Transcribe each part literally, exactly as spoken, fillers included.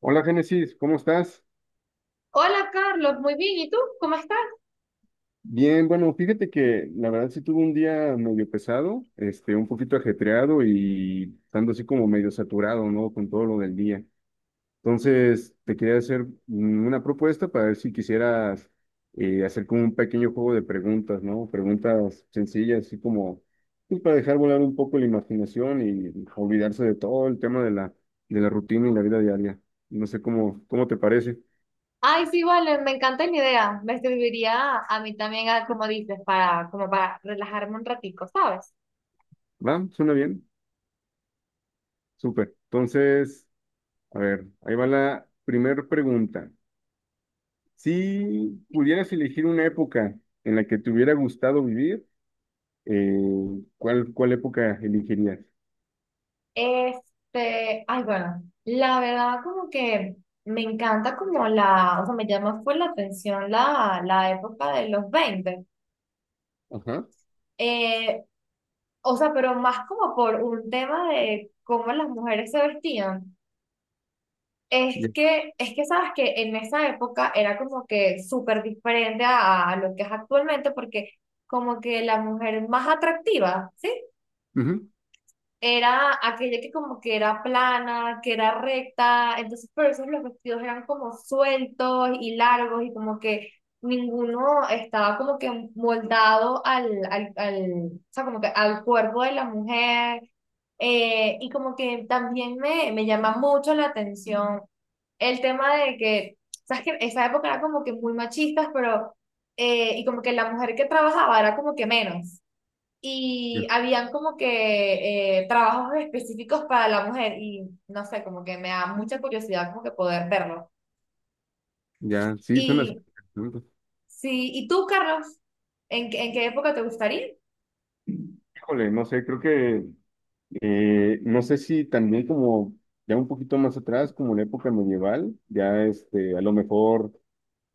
Hola Génesis, ¿cómo estás? Hola Carlos, muy bien. ¿Y tú? ¿Cómo estás? Bien, bueno, fíjate que la verdad sí tuve un día medio pesado, este, un poquito ajetreado y estando así como medio saturado, ¿no? Con todo lo del día. Entonces, te quería hacer mm, una propuesta para ver si quisieras eh, hacer como un pequeño juego de preguntas, ¿no? Preguntas sencillas, así como pues, para dejar volar un poco la imaginación y olvidarse de todo el tema de la, de la rutina y la vida diaria. No sé cómo, cómo te parece. Ay, sí, vale, me encanta la idea. Me serviría a mí también, a como dices, para, como para relajarme un ratico, ¿sabes? ¿Va? ¿Suena bien? Súper. Entonces, a ver, ahí va la primera pregunta. Si pudieras elegir una época en la que te hubiera gustado vivir, eh, ¿cuál, cuál época elegirías? Este, ay, bueno, la verdad como que me encanta como la, o sea, me llama fue la atención la, la época de los veinte. Ajá. Eh, o sea, pero más como por un tema de cómo las mujeres se vestían. Es Ya. que, es que sabes que en esa época era como que súper diferente a, a lo que es actualmente, porque como que la mujer más atractiva Ujú. era aquella que como que era plana, que era recta. Entonces, por eso los vestidos eran como sueltos y largos y como que ninguno estaba como que moldado al, al, al, o sea, como que al cuerpo de la mujer. Eh, y como que también me, me llama mucho la atención el tema de que sabes que esa época era como que muy machistas, pero eh, y como que la mujer que trabajaba era como que menos. Ya. Y habían como que eh, trabajos específicos para la mujer y no sé, como que me da mucha curiosidad como que poder verlo. Ya. Sí, son las Y preguntas. sí, ¿y tú, Carlos? ¿En, qué- en qué época te gustaría? Híjole, no sé, creo que Eh, no sé si también como ya un poquito más atrás, como la época medieval, ya este, a lo mejor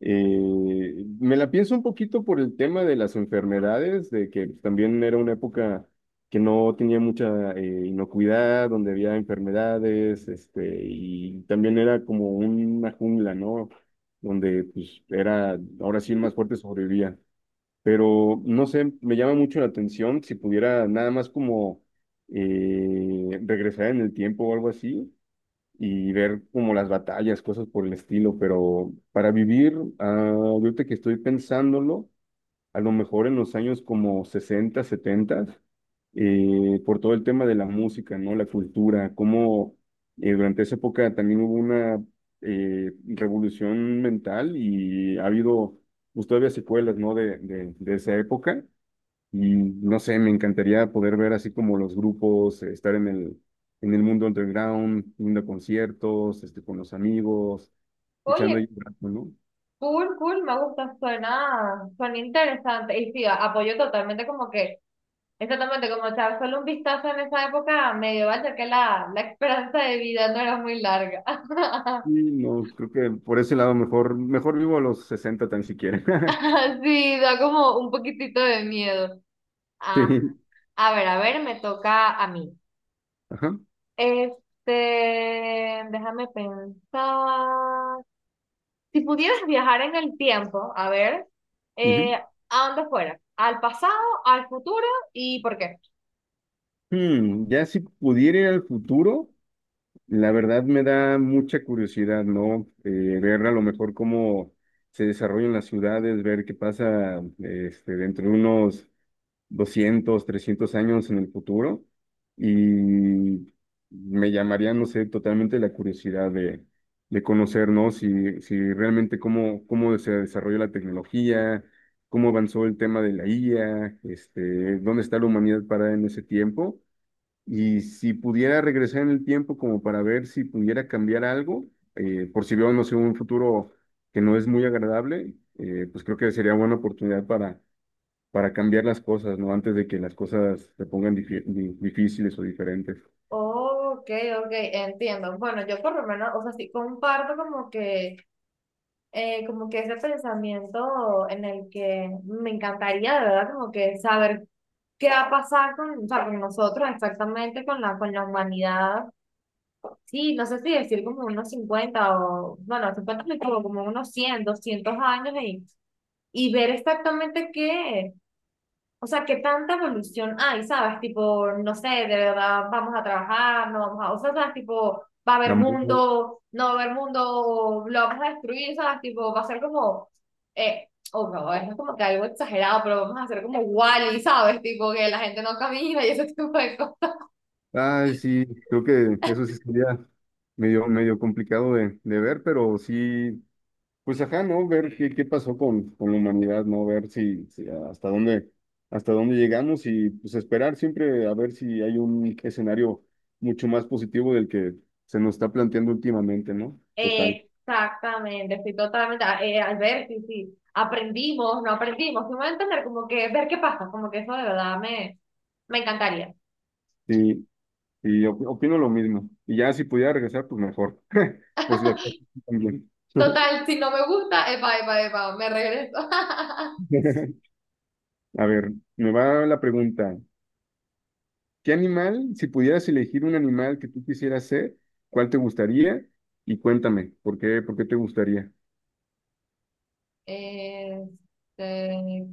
eh, me la pienso un poquito por el tema de las enfermedades, de que también era una época que no tenía mucha eh, inocuidad, donde había enfermedades, este, y también era como una jungla, ¿no? Donde pues era, ahora sí el más fuerte sobrevivía, pero no sé, me llama mucho la atención si pudiera nada más como eh, regresar en el tiempo o algo así y ver como las batallas, cosas por el estilo, pero para vivir, ah, ahorita que estoy pensándolo a lo mejor en los años como sesenta setenta, eh, por todo el tema de la música, ¿no? La cultura, cómo eh, durante esa época también hubo una eh, revolución mental y ha habido pues, todavía secuelas, ¿no? De, de, de esa época. Y no sé, me encantaría poder ver así como los grupos, eh, estar en el, en el mundo underground, yendo a conciertos, este, con los amigos, echando Oye, ahí un rato, ¿no? cool, cool, me gusta, suena, suena, interesante. Y sí, a- apoyo totalmente como que, exactamente como echar solo un vistazo en esa época medieval, ya que la, la esperanza de vida no era muy larga. Sí, no, creo que por ese lado mejor, mejor vivo a los sesenta tan siquiera. Sí, da como un poquitito de miedo. Ah, Sí, a ver, a ver, me toca a mí. ajá. Este, déjame pensar. Si pudieras viajar en el tiempo, a ver, eh, Ujú. ¿a dónde fuera? ¿Al pasado, al futuro y por qué? Hmm, ya si pudiera ir al futuro, la verdad me da mucha curiosidad, ¿no? Eh, ver a lo mejor cómo se desarrollan las ciudades, ver qué pasa este, dentro de unos doscientos trescientos años en el futuro y me llamaría, no sé, totalmente la curiosidad de, de conocer, ¿no? Si, si realmente cómo, cómo se desarrolló la tecnología, cómo avanzó el tema de la I A, este, dónde está la humanidad parada en ese tiempo y si pudiera regresar en el tiempo como para ver si pudiera cambiar algo, eh, por si veo, no sé, un futuro que no es muy agradable, eh, pues creo que sería buena oportunidad para para cambiar las cosas, ¿no? Antes de que las cosas se pongan difí- di- difíciles o diferentes. Ok, ok, entiendo. Bueno, yo por lo menos, o sea, sí comparto como que, eh, como que ese pensamiento en el que me encantaría, de verdad, como que saber qué va a pasar con, o sea, con nosotros exactamente, con la, con la humanidad. Sí, no sé si decir como unos cincuenta o, bueno, cincuenta me equivoco, como unos cien doscientos años, y, y ver exactamente qué, o sea, qué tanta evolución hay, ¿sabes? Tipo, no sé, de verdad vamos a trabajar, no vamos a, o sea, ¿sabes? Tipo, va a La haber mu- mundo, no va a haber mundo, lo vamos a destruir, ¿sabes? Tipo, va a ser como, eh, o no, es como que algo exagerado, pero vamos a hacer como Wall-E, ¿sabes? Tipo, que la gente no camina y ese tipo de cosas. Ay, sí, creo que eso sí sería medio, medio complicado de, de ver, pero sí, pues ajá, ¿no? Ver qué, qué pasó con, con la humanidad, ¿no? Ver si, si hasta dónde, hasta dónde llegamos y pues esperar siempre a ver si hay un escenario mucho más positivo del que se nos está planteando últimamente, ¿no? Total. Exactamente, estoy totalmente, a- eh, al ver, sí, sí, aprendimos, no aprendimos, sí me voy a entender, como que ver qué pasa, como que eso de verdad me, me encantaría. Sí, y op- opino lo mismo. Y ya si pudiera regresar, pues mejor. Por si las cosas también. Total, si no me gusta, epa, epa, epa, me regreso. A ver, me va la pregunta. ¿Qué animal, si pudieras elegir un animal que tú quisieras ser, cuál te gustaría? Y cuéntame, ¿por qué, por qué te gustaría? Este,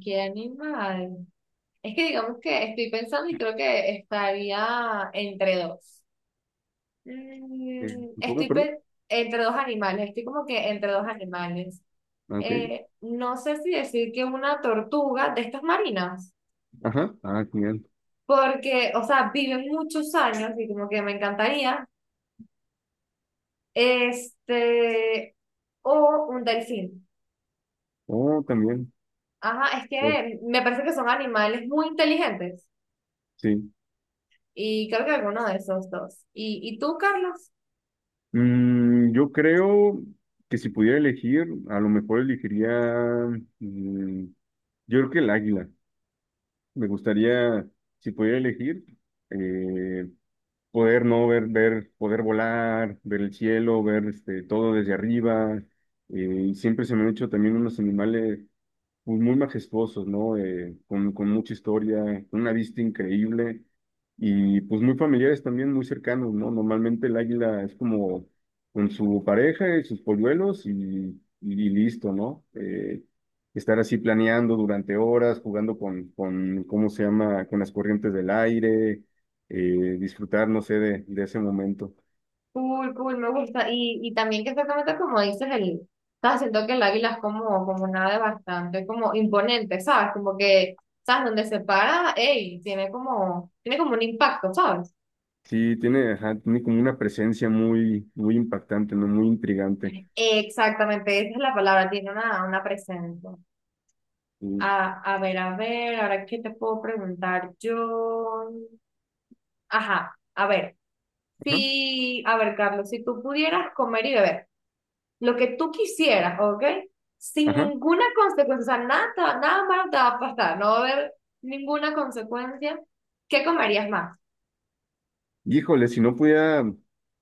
¿qué animal? Es que digamos que estoy pensando y creo que estaría entre dos. Eh, Mm, ¿Cómo, Estoy perdón? pe- entre dos animales, estoy como que entre dos animales. Ah, ok. Eh, no sé si decir que una tortuga de estas marinas, Ajá. Ah, genial. porque, o sea, viven muchos años y como que me encantaría, este, o un delfín. Oh, también. Ajá, es Oh, que me parece que son animales muy inteligentes sí. y creo que alguno de esos dos. ¿Y, y tú, Carlos? Mm, yo creo que si pudiera elegir, a lo mejor elegiría, mm, yo creo que el águila. Me gustaría, si pudiera elegir, eh, poder no ver, ver, poder volar, ver el cielo, ver este, todo desde arriba. Eh, y siempre se me han hecho también unos animales pues, muy majestuosos, ¿no? Eh, con, con mucha historia, una vista increíble y pues muy familiares también, muy cercanos, ¿no? Normalmente el águila es como con su pareja y sus polluelos y, y listo, ¿no? Eh, estar así planeando durante horas, jugando con, con, ¿cómo se llama?, con las corrientes del aire, eh, disfrutar, no sé, de, de ese momento. Cool, cool, me gusta. Y, y también que exactamente como dices, el, estás siento que el águila es como, como una ave bastante como imponente, ¿sabes? Como que, ¿sabes? Donde se para, ey, tiene como, tiene como un impacto, ¿sabes? Sí, tiene, ajá, tiene como una presencia muy, muy impactante, ¿no? Muy intrigante. Exactamente, esa es la palabra, tiene una, una presencia. Y, A, a ver, a ver, ahora qué te puedo preguntar yo. Ajá, a ver, ajá, si, a ver, Carlos, si tú pudieras comer y beber, lo que tú quisieras, ¿ok? Sin ajá. ninguna consecuencia, o sea, nada, te va- nada malo te va a pasar, no va a haber ninguna consecuencia. ¿Qué comerías más? Híjole, si no pudiera,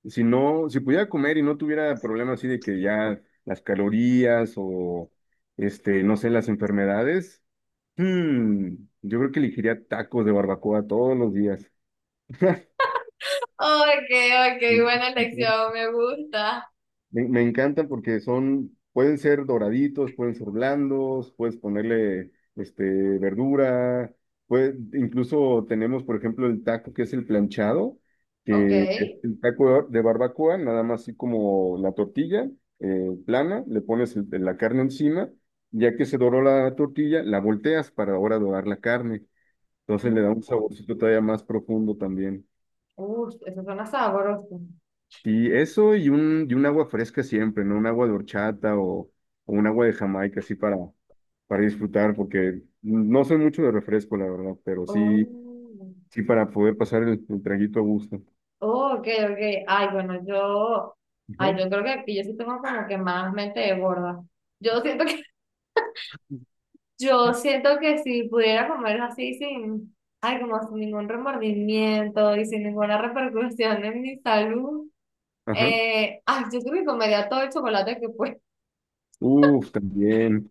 si no, si pudiera comer y no tuviera problemas así de que ya las calorías o, este, no sé, las enfermedades, hmm, yo creo que elegiría tacos de barbacoa todos los días. Ok, ok, buena elección, me gusta. Me, me encantan porque son, pueden ser doraditos, pueden ser blandos, puedes ponerle este, verdura, puede- incluso tenemos, por ejemplo, el taco que es el planchado, Ok. que es el taco de de barbacoa, nada más así como la tortilla eh, plana, le pones el- la carne encima, ya que se doró la tortilla, la volteas para ahora dorar la carne, entonces le da un Mm. saborcito todavía más profundo también. Uf, eso suena sabroso. Y eso y un, y un, agua fresca siempre, ¿no? Un agua de horchata o, o un agua de Jamaica, así para, para disfrutar, porque no soy mucho de refresco, la verdad, pero sí, Oh. sí para poder pasar el, el traguito a gusto. Oh, ok, ok. Ay, bueno, yo, Ajá. ay, yo creo que aquí yo sí tengo como que más mente de gorda. Yo siento Yo siento que si pudiera comer así sin, ay, como sin ningún remordimiento y sin ninguna repercusión en mi salud, Ajá. eh, ay, yo creo que comería todo el chocolate que pueda. Uf, también.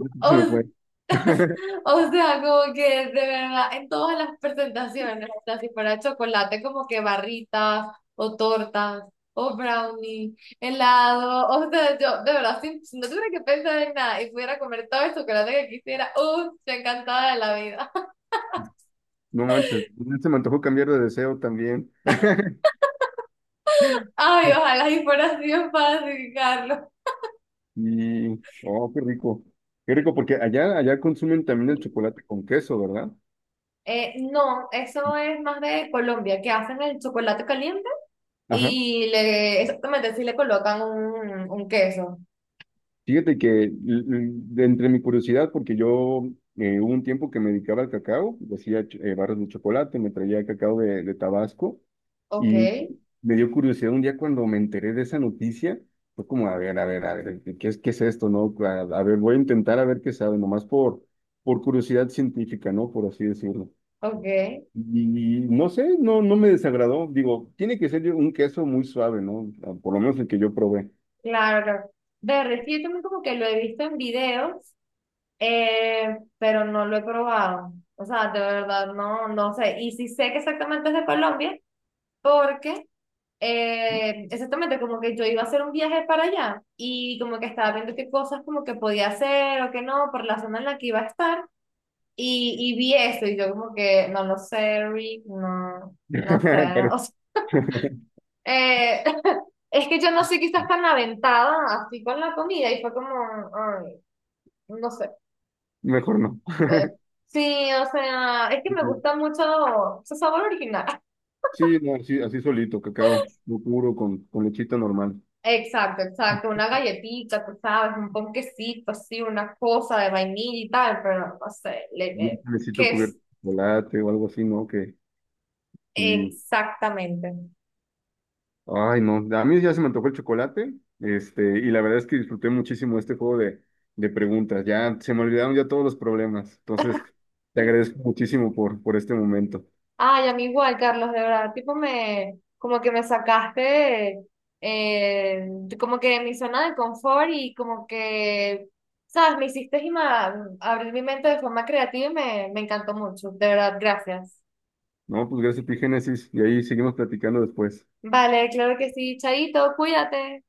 Se me O, fue. o sea, como que de verdad, en todas las presentaciones, o sea, si fuera chocolate, como que barritas o tortas o brownie, helado, o sea, yo de verdad, si, si no tuviera que pensar en nada y pudiera comer todo el chocolate que quisiera, uh, yo encantada de la vida. No manches, se me antojó cambiar de deseo también. Ay, ojalá y fuera así de fácil, Carlos. Y, oh, qué rico. Qué rico, porque allá, allá consumen también el chocolate con queso, ¿verdad? Eh, no, eso es más de Colombia, que hacen el chocolate caliente Ajá. y le, exactamente, sí le colocan un, un queso. Fíjate que l- de entre mi curiosidad, porque yo eh, hubo un tiempo que me dedicaba al cacao, y hacía ch- eh, barras de chocolate, me traía cacao de, de Tabasco Ok, y me dio curiosidad un día cuando me enteré de esa noticia, fue como, a ver, a ver, a ver, ¿qué es, qué es esto, no? A, a ver, voy a intentar a ver qué sabe, nomás por, por curiosidad científica, ¿no? Por así decirlo. ok, Y no sé, no, no me desagradó. Digo, tiene que ser un queso muy suave, ¿no? Ah, por lo menos el que yo probé. claro. Claro. De verdad es que yo también como que lo he visto en videos, eh, pero no lo he probado. O sea, de verdad, no, no sé. Y sí sé que exactamente es de Colombia, porque Eh, exactamente, como que yo iba a hacer un viaje para allá y como que estaba viendo qué cosas como que podía hacer o qué no por la zona en la que iba a estar, y, y vi eso y yo como que no lo sé, Rick, no, no sé. Pero O sea, eh, es que yo no soy quizás tan aventada así con la comida y fue como, ay, no sé. mejor eh, sí, o sea, es que me no. gusta mucho su sabor original. Sí, no, así, así solito, cacao, lo puro, con, con lechita normal. Exacto, exacto, una galletita, tú sabes, un ponquecito así, una cosa de vainilla y tal, pero no sé, le- Y eh, un necesito ¿qué es cubierto de chocolate o algo así, ¿no? Que, y, exactamente? ay, no, a mí ya se me antojó el chocolate, este, y la verdad es que disfruté muchísimo este juego de, de preguntas. Ya se me olvidaron ya todos los problemas. Entonces, te agradezco muchísimo por, por este momento. Ay, a mí igual, Carlos, de verdad, tipo me, como que me sacaste, eh, como que de mi zona de confort y como que, sabes, me hiciste ima- abrir mi mente de forma creativa y me, me encantó mucho, de verdad, gracias. No, pues gracias, Epigénesis, y ahí seguimos platicando después. Vale, claro que sí, Chaito, cuídate.